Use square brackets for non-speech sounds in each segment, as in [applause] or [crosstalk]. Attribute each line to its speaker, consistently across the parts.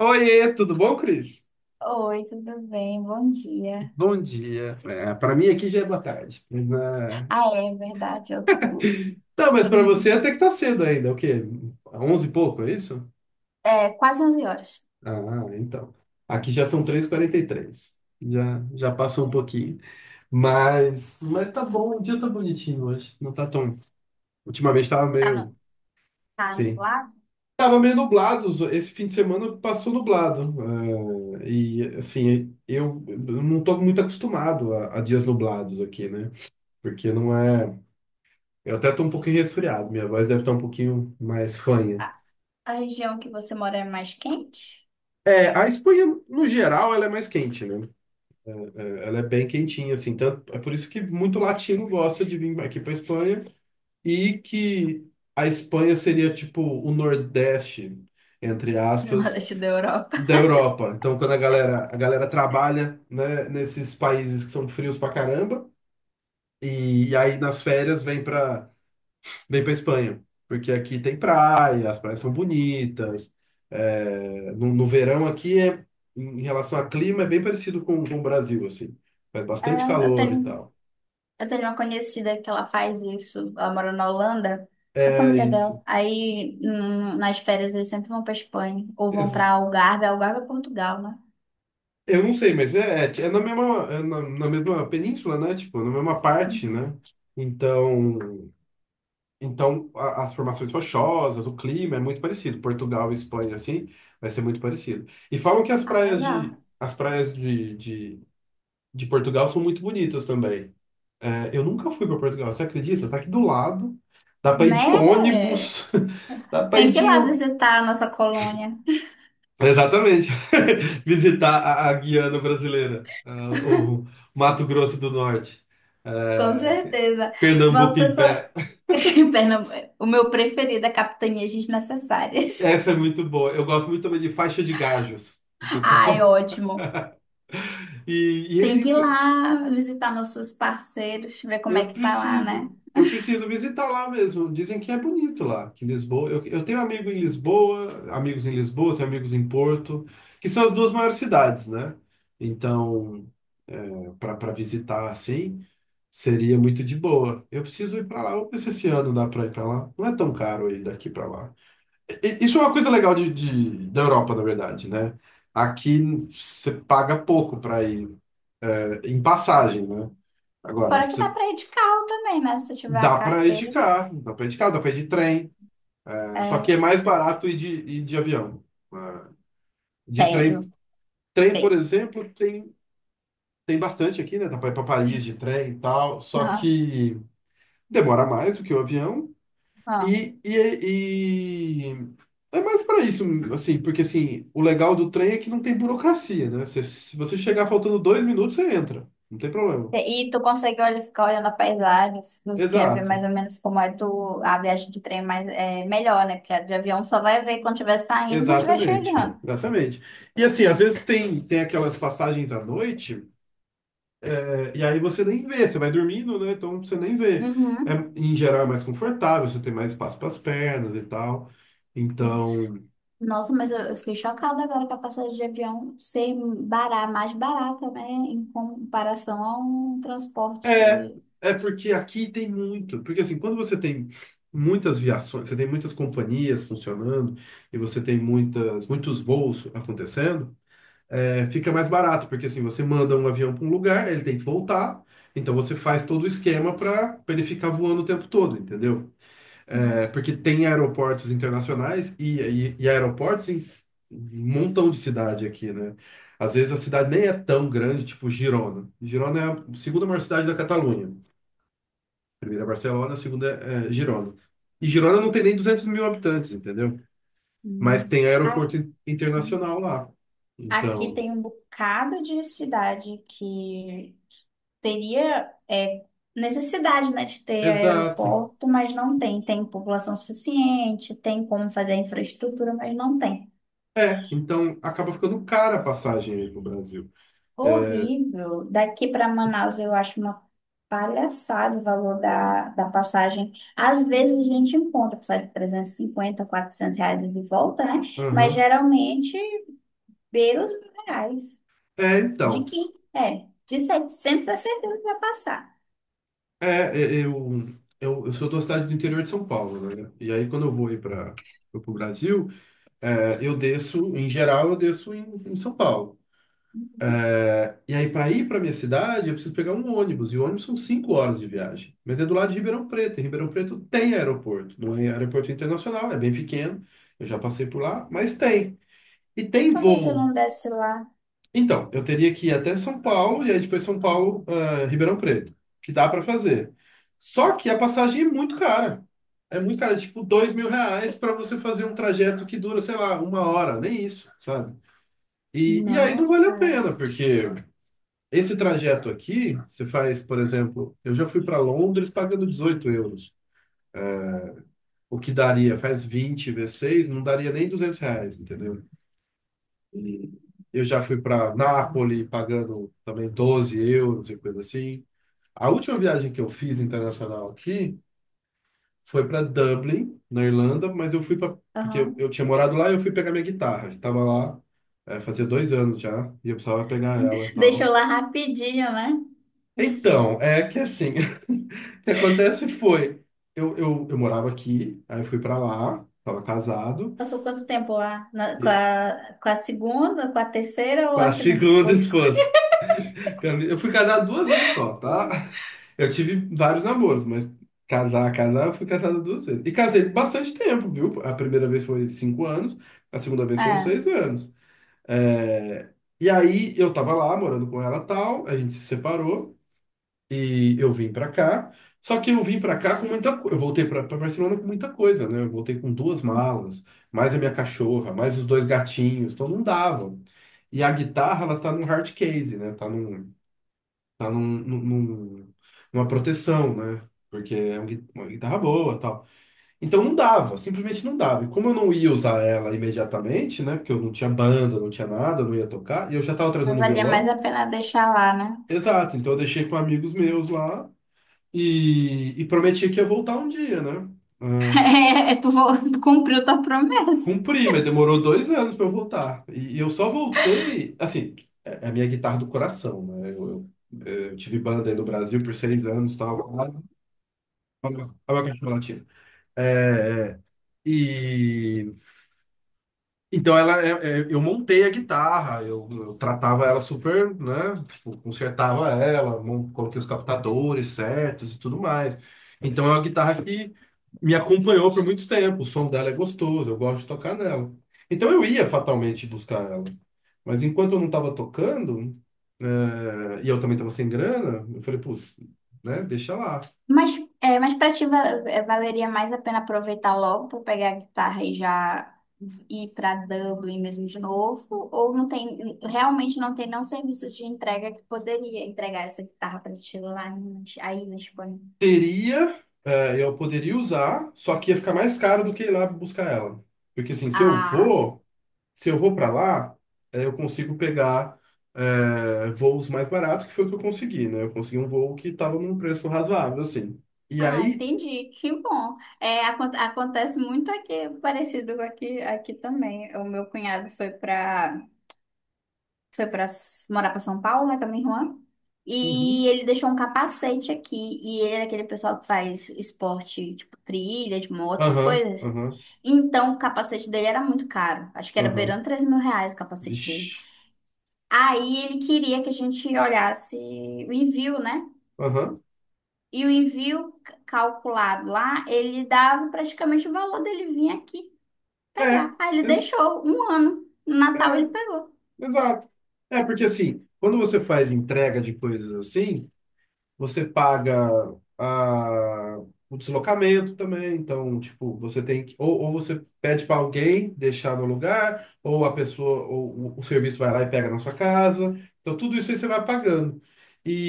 Speaker 1: Oiê, tudo bom, Cris?
Speaker 2: Oi, tudo bem? Bom dia.
Speaker 1: Bom dia. É, para mim aqui já é boa tarde.
Speaker 2: Ah, é verdade, é outro fuso.
Speaker 1: Tá, mas para você
Speaker 2: [laughs]
Speaker 1: até que tá cedo ainda. O quê? 11 e pouco, é isso?
Speaker 2: É quase 11 horas.
Speaker 1: Ah, então. Aqui já são 3h43. Já passou um pouquinho. Mas tá bom, o dia tá bonitinho hoje. Não tá tão. Ultimamente tava
Speaker 2: Tá, no
Speaker 1: meio.
Speaker 2: Tá
Speaker 1: Sim.
Speaker 2: nublado?
Speaker 1: Tava meio nublado, esse fim de semana passou nublado. É, e assim, eu não tô muito acostumado a dias nublados aqui, né? Porque não é. Eu até tô um pouquinho resfriado, minha voz deve estar um pouquinho mais fanha.
Speaker 2: A, a região que você mora é mais quente?
Speaker 1: É, a Espanha, no geral, ela é mais quente, né? É, ela é bem quentinha, assim. Tanto, é por isso que muito latino gosta de vir aqui pra Espanha e que a Espanha seria, tipo, o Nordeste, entre
Speaker 2: [laughs] No
Speaker 1: aspas,
Speaker 2: leste da Europa.
Speaker 1: da Europa. Então, quando a galera trabalha, né, nesses países que são frios pra caramba, e aí nas férias vem pra. Vem para Espanha, porque aqui tem praia, as praias são bonitas. É, no verão aqui, em relação a clima, é bem parecido com o Brasil, assim. Faz bastante
Speaker 2: É, eu
Speaker 1: calor e
Speaker 2: tenho,
Speaker 1: tal.
Speaker 2: eu tenho uma conhecida que ela faz isso. Ela mora na Holanda, com a
Speaker 1: É
Speaker 2: família
Speaker 1: isso.
Speaker 2: dela. Aí, nas férias, eles sempre vão pra Espanha. Ou vão
Speaker 1: Ex-
Speaker 2: pra Algarve. Algarve é Portugal, né?
Speaker 1: Eu não sei, mas é na mesma, é na mesma península, né? Tipo, na mesma parte,
Speaker 2: Uhum.
Speaker 1: né? Então, então as formações rochosas, o clima é muito parecido. Portugal e Espanha, assim, vai ser muito parecido. E falam que as
Speaker 2: Ah,
Speaker 1: praias de,
Speaker 2: legal.
Speaker 1: as praias de, de de Portugal são muito bonitas também. É, eu nunca fui para Portugal, você acredita? Tá aqui do lado. Dá para ir de
Speaker 2: Né?
Speaker 1: ônibus. [laughs] Dá para
Speaker 2: Tem
Speaker 1: ir
Speaker 2: que ir
Speaker 1: de.
Speaker 2: lá visitar a nossa colônia.
Speaker 1: Exatamente. [laughs] Visitar a Guiana brasileira, o Mato Grosso do Norte.
Speaker 2: Com
Speaker 1: É,
Speaker 2: certeza. Uma
Speaker 1: Pernambuco em
Speaker 2: pessoa.
Speaker 1: pé.
Speaker 2: [laughs] Em Pernambuco, o meu preferido é Capitanias
Speaker 1: [laughs]
Speaker 2: Desnecessárias.
Speaker 1: Essa é muito boa. Eu gosto muito também de faixa de gajos, o
Speaker 2: [laughs] Ai,
Speaker 1: pessoal. [laughs]
Speaker 2: ótimo.
Speaker 1: E, e
Speaker 2: Tem que ir
Speaker 1: ele-
Speaker 2: lá visitar nossos parceiros, ver como é
Speaker 1: Eu
Speaker 2: que tá lá, né?
Speaker 1: preciso, eu preciso visitar lá mesmo. Dizem que é bonito lá, que Lisboa. Eu tenho amigo em Lisboa, amigos em Lisboa, tenho amigos em Porto, que são as duas maiores cidades, né? Então, para visitar assim, seria muito de boa. Eu preciso ir para lá. Vamos ver se esse ano dá para ir para lá. Não é tão caro ir daqui para lá. Isso é uma coisa legal da Europa, na verdade, né? Aqui você paga pouco para ir em passagem, né? Agora,
Speaker 2: Fora que dá pra ir de carro também, né? Se eu tiver a
Speaker 1: Dá pra ir
Speaker 2: carteira.
Speaker 1: de carro, dá pra ir de carro, dá pra ir de trem. É, só que
Speaker 2: É,
Speaker 1: é mais barato ir de avião. É, de trem,
Speaker 2: sério.
Speaker 1: trem, por
Speaker 2: Tem.
Speaker 1: exemplo, tem bastante aqui, né? Dá pra ir pra Paris de trem e tal. Só
Speaker 2: Aham,
Speaker 1: que demora mais do que o avião.
Speaker 2: aham.
Speaker 1: E é mais pra isso, assim, porque assim, o legal do trem é que não tem burocracia, né? Se você chegar faltando 2 minutos, você entra. Não tem problema.
Speaker 2: E tu consegue, olha, ficar olhando a paisagem, se você quer ver mais
Speaker 1: Exato.
Speaker 2: ou menos como é tu, a viagem de trem, mas é melhor, né? Porque a de avião tu só vai ver quando estiver saindo, quando estiver
Speaker 1: Exatamente,
Speaker 2: chegando.
Speaker 1: exatamente. E assim, às vezes tem aquelas passagens à noite. E aí você nem vê, você vai dormindo, né? Então você nem vê. É, em geral é mais confortável, você tem mais espaço para as pernas e tal.
Speaker 2: Uhum.
Speaker 1: Então,
Speaker 2: Nossa, mas eu fiquei chocada agora com a passagem de avião ser mais barata, né? Em comparação ao transporte.
Speaker 1: é, é porque aqui tem muito. Porque assim, quando você tem muitas viações, você tem muitas companhias funcionando e você tem muitas, muitos voos acontecendo, fica mais barato, porque assim, você manda um avião para um lugar, ele tem que voltar, então você faz todo o esquema para ele ficar voando o tempo todo, entendeu? É,
Speaker 2: Nossa.
Speaker 1: porque tem aeroportos internacionais e aeroportos em um montão de cidade aqui, né? Às vezes a cidade nem é tão grande, tipo Girona. Girona é a segunda maior cidade da Catalunha. Primeira é Barcelona, a segunda é Girona. E Girona não tem nem 200 mil habitantes, entendeu? Mas
Speaker 2: Hum.
Speaker 1: tem
Speaker 2: A-
Speaker 1: aeroporto internacional lá.
Speaker 2: Aqui
Speaker 1: Então,
Speaker 2: tem um bocado de cidade que teria, é, necessidade, né, de ter
Speaker 1: exato.
Speaker 2: aeroporto, mas não tem. Tem população suficiente, tem como fazer a infraestrutura, mas não tem.
Speaker 1: É, então acaba ficando cara a passagem aí pro Brasil.
Speaker 2: Horrível. Daqui para Manaus eu acho uma palhaçada o valor da passagem. Às vezes a gente encontra passagem de 350, 400 reais e de volta, né? Mas
Speaker 1: Aham.
Speaker 2: geralmente beira os 1.000 reais.
Speaker 1: É,
Speaker 2: De
Speaker 1: então.
Speaker 2: que? É, de 700 a certeza que vai passar.
Speaker 1: É, eu sou da cidade do interior de São Paulo, né? E aí, quando eu vou ir para o Brasil, é, eu desço, em geral, eu desço em São Paulo. E aí, para ir para minha cidade, eu preciso pegar um ônibus. E o ônibus são 5 horas de viagem. Mas é do lado de Ribeirão Preto. E Ribeirão Preto tem aeroporto. Não é aeroporto internacional, é bem pequeno. Eu já passei por lá, mas tem. E
Speaker 2: E
Speaker 1: tem
Speaker 2: por que você
Speaker 1: voo.
Speaker 2: não desce lá?
Speaker 1: Então, eu teria que ir até São Paulo e aí depois São Paulo, Ribeirão Preto, que dá pra fazer. Só que a passagem é muito cara. É muito cara, tipo 2 mil reais para você fazer um trajeto que dura, sei lá, uma hora, nem isso, sabe? E aí não
Speaker 2: Não,
Speaker 1: vale a
Speaker 2: cara.
Speaker 1: pena, porque esse trajeto aqui, você faz, por exemplo, eu já fui para Londres pagando 18 euros. O que daria, faz 20 vezes 6, não daria nem 200 reais, entendeu? E eu já fui para Nápoles pagando também 12 euros e coisa assim. A última viagem que eu fiz internacional aqui foi para Dublin, na Irlanda, mas eu fui para porque eu,
Speaker 2: Aham.
Speaker 1: eu tinha morado lá e eu fui pegar minha guitarra. Que Tava lá, é, fazia 2 anos já, e eu precisava pegar ela e
Speaker 2: Deixou
Speaker 1: tal.
Speaker 2: lá rapidinho, né?
Speaker 1: Então, é que assim, [laughs] o que acontece foi, eu morava aqui, aí eu fui para lá, estava casado,
Speaker 2: Passou quanto tempo lá? Com
Speaker 1: e,
Speaker 2: a, com a segunda, com a terceira
Speaker 1: com
Speaker 2: ou a
Speaker 1: a
Speaker 2: segunda
Speaker 1: segunda
Speaker 2: esposa? [laughs]
Speaker 1: esposa. Eu fui casado duas vezes só, tá? Eu tive vários namoros, mas casar, casar, eu fui casado duas vezes. E casei bastante tempo, viu? A primeira vez foi 5 anos, a segunda vez foram
Speaker 2: É,
Speaker 1: 6 anos. É, e aí eu tava lá morando com ela tal, a gente se separou e eu vim pra cá. Só que eu vim pra cá com muita coisa. Eu voltei pra Barcelona com muita coisa, né? Eu voltei com duas malas, mais a minha cachorra, mais os dois gatinhos, então não dava. E a guitarra, ela tá num hard case, né? Tá num- num- numa proteção, né? Porque é uma uma guitarra boa, tal. Então não dava, simplesmente não dava. E como eu não ia usar ela imediatamente, né? Porque eu não tinha banda, não tinha nada, eu não ia tocar, e eu já tava
Speaker 2: mas
Speaker 1: trazendo
Speaker 2: valia mais a
Speaker 1: violão.
Speaker 2: pena deixar lá, né?
Speaker 1: Exato, então eu deixei com amigos meus lá e prometi que ia voltar um dia, né? Ah,
Speaker 2: Tu [laughs] tu cumpriu tua promessa.
Speaker 1: cumpri, mas demorou 2 anos para eu voltar. E eu só voltei, assim, é a minha guitarra do coração, né? Eu tive banda aí no Brasil por 6 anos, tal. Olha a minha cachorro. É, é. E então ela, eu montei a guitarra, eu tratava ela super, né? Tipo, consertava ela, coloquei os captadores certos e tudo mais. Então é uma guitarra que me acompanhou por muito tempo. O som dela é gostoso, eu gosto de tocar nela. Então eu ia fatalmente buscar ela. Mas enquanto eu não estava tocando, e eu também estava sem grana, eu falei, putz, né? Deixa lá.
Speaker 2: Mas, mas pra ti valeria mais a pena aproveitar logo pra pegar a guitarra e já ir pra Dublin mesmo de novo? Ou não tem, realmente não tem nenhum serviço de entrega que poderia entregar essa guitarra pra ti lá aí na Espanha?
Speaker 1: Teria, eu poderia usar, só que ia ficar mais caro do que ir lá buscar ela. Porque assim, se eu
Speaker 2: Ah,
Speaker 1: vou, se eu vou para lá, é, eu consigo pegar voos mais baratos, que foi o que eu consegui, né? Eu consegui um voo que estava num preço razoável, assim. E aí,
Speaker 2: entendi. Que bom. É, acontece muito aqui, parecido com aqui, aqui também. O meu cunhado foi para foi para morar para São Paulo, né, com a minha irmã. E
Speaker 1: Uhum.
Speaker 2: ele deixou um capacete aqui. E ele é aquele pessoal que faz esporte, tipo trilha, de moto, essas
Speaker 1: aham,
Speaker 2: coisas.
Speaker 1: aham,
Speaker 2: Então, o capacete dele era muito caro. Acho que era
Speaker 1: aham,
Speaker 2: beirando 3 mil reais o capacete dele.
Speaker 1: vixe,
Speaker 2: Aí ele queria que a gente olhasse o envio, né?
Speaker 1: aham,
Speaker 2: E o envio calculado lá, ele dava praticamente o valor dele vir aqui
Speaker 1: é,
Speaker 2: pegar. Aí ele
Speaker 1: ex-
Speaker 2: deixou um ano. No Natal ele pegou.
Speaker 1: exato. É, porque assim, quando você faz entrega de coisas assim, você paga a- o deslocamento também, então, tipo, você tem que, ou você pede para alguém deixar no lugar, ou a pessoa, ou o serviço vai lá e pega na sua casa. Então, tudo isso aí você vai pagando.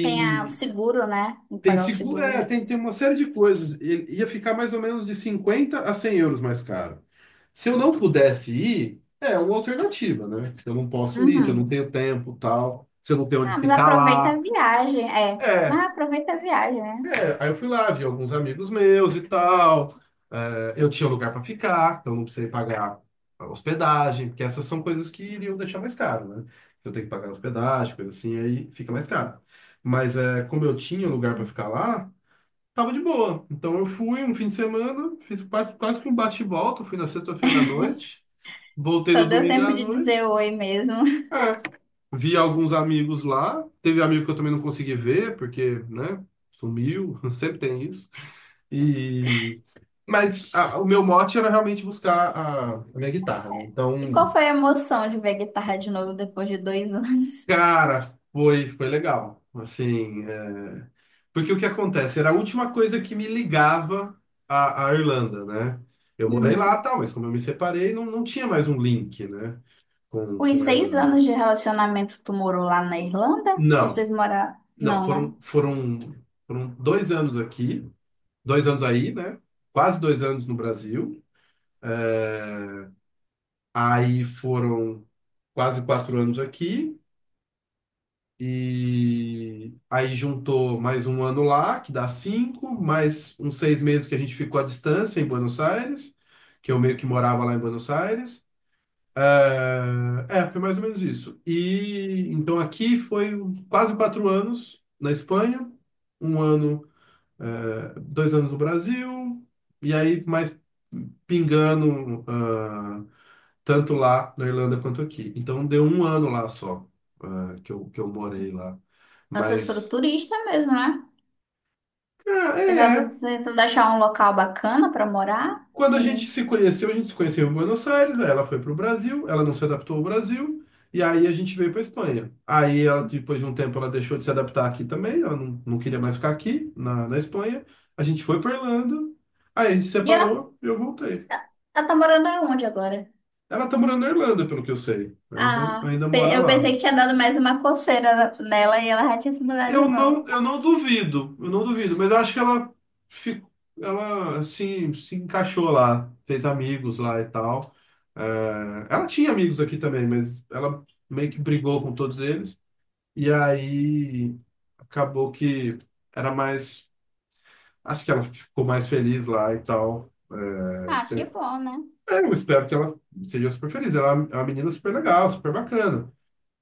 Speaker 2: Tem o seguro, né? Tem que
Speaker 1: tem
Speaker 2: pagar o
Speaker 1: seguro,
Speaker 2: seguro.
Speaker 1: tem uma série de coisas. Ele ia ficar mais ou menos de 50 a 100 euros mais caro. Se eu não pudesse ir, é uma alternativa, né? Se eu não posso ir, se eu não
Speaker 2: Uhum.
Speaker 1: tenho tempo, tal, se eu não tenho onde
Speaker 2: Ah, mas
Speaker 1: ficar
Speaker 2: aproveita
Speaker 1: lá.
Speaker 2: a viagem, é.
Speaker 1: É,
Speaker 2: Mas aproveita a viagem, né?
Speaker 1: é, aí eu fui lá, vi alguns amigos meus e tal. É, eu tinha lugar para ficar, então não precisei pagar a hospedagem, porque essas são coisas que iriam deixar mais caro, né? Eu tenho que pagar a hospedagem, coisa assim, aí fica mais caro. Mas é, como eu tinha lugar para ficar lá, tava de boa. Então eu fui um fim de semana, fiz quase, quase que um bate e volta, fui na sexta-feira à noite, voltei
Speaker 2: Só
Speaker 1: no
Speaker 2: deu
Speaker 1: domingo
Speaker 2: tempo
Speaker 1: à
Speaker 2: de dizer
Speaker 1: noite.
Speaker 2: oi mesmo.
Speaker 1: É,
Speaker 2: [laughs]
Speaker 1: vi alguns amigos lá, teve amigo que eu também não consegui ver, porque, né, sumiu, [laughs] sempre tem isso. E... O meu mote era realmente buscar a minha guitarra, né?
Speaker 2: E
Speaker 1: Então,
Speaker 2: qual foi a emoção de ver a guitarra de novo depois de 2 [laughs] anos?
Speaker 1: cara, foi legal. Assim, porque o que acontece? Era a última coisa que me ligava à Irlanda, né? Eu morei lá,
Speaker 2: Uhum.
Speaker 1: tal, mas como eu me separei, não tinha mais um link, né? Com,
Speaker 2: Os
Speaker 1: com a
Speaker 2: seis
Speaker 1: Irlanda.
Speaker 2: anos de relacionamento, tu morou lá na Irlanda? Ou
Speaker 1: Não,
Speaker 2: vocês moraram?
Speaker 1: não,
Speaker 2: Não, né?
Speaker 1: foram dois anos aqui, 2 anos aí, né? Quase dois anos no Brasil. Aí foram quase 4 anos aqui. E aí juntou mais um ano lá, que dá cinco, mais uns 6 meses que a gente ficou à distância em Buenos Aires, que eu meio que morava lá em Buenos Aires. É, foi mais ou menos isso. E então aqui foi quase 4 anos na Espanha, um ano, é, dois anos no Brasil, e aí mais pingando tanto lá na Irlanda quanto aqui. Então deu um ano lá só, que eu morei lá.
Speaker 2: Então, vocês foram
Speaker 1: Mas,
Speaker 2: turista mesmo, né?
Speaker 1: ah,
Speaker 2: Vocês
Speaker 1: é, é.
Speaker 2: estavam tentando achar um local bacana pra morar?
Speaker 1: quando a gente
Speaker 2: Sim.
Speaker 1: se conheceu, a gente se conheceu em Buenos Aires, aí ela foi para o Brasil, ela não se adaptou ao Brasil, e aí a gente veio para Espanha. Aí, ela, depois de um tempo, ela deixou de se adaptar aqui também, ela não queria mais ficar aqui, na Espanha. A gente foi para Irlanda, aí a gente
Speaker 2: E ela,
Speaker 1: separou e eu voltei.
Speaker 2: ela tá morando onde agora?
Speaker 1: Ela tá morando na Irlanda, pelo que eu sei. Ainda,
Speaker 2: Ah,
Speaker 1: ainda mora
Speaker 2: eu pensei
Speaker 1: lá.
Speaker 2: que tinha dado mais uma coceira nela e ela já tinha se mudado de
Speaker 1: Eu não,
Speaker 2: novo.
Speaker 1: eu não duvido, eu não duvido, mas eu acho que ela ficou, ela assim, se encaixou lá, fez amigos lá e tal. É, ela tinha amigos aqui também, mas ela meio que brigou com todos eles. E aí acabou que era mais. Acho que ela ficou mais feliz lá e tal. É,
Speaker 2: Ah, que bom, né?
Speaker 1: eu espero que ela seja super feliz. Ela é uma menina super legal, super bacana.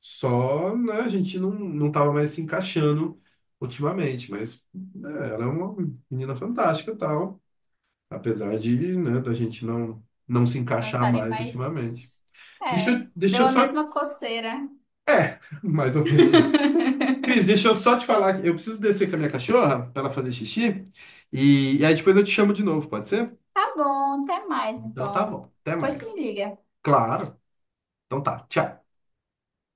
Speaker 1: Só, né, a gente não tava mais se encaixando ultimamente, mas né, ela é uma menina fantástica e tal, apesar de, né, da gente não se
Speaker 2: Nós
Speaker 1: encaixar
Speaker 2: estaremos
Speaker 1: mais
Speaker 2: mais
Speaker 1: ultimamente.
Speaker 2: juntos. É,
Speaker 1: Deixa
Speaker 2: deu
Speaker 1: eu
Speaker 2: a
Speaker 1: só...
Speaker 2: mesma coceira.
Speaker 1: É, [laughs] mais ou menos isso.
Speaker 2: [laughs]
Speaker 1: Cris, deixa eu só te falar, que eu preciso descer com a minha cachorra para ela fazer xixi, e aí depois eu te chamo de novo, pode ser?
Speaker 2: Tá bom, até mais
Speaker 1: Então tá
Speaker 2: então.
Speaker 1: bom, até
Speaker 2: Depois tu
Speaker 1: mais.
Speaker 2: me liga.
Speaker 1: Claro, então tá, tchau.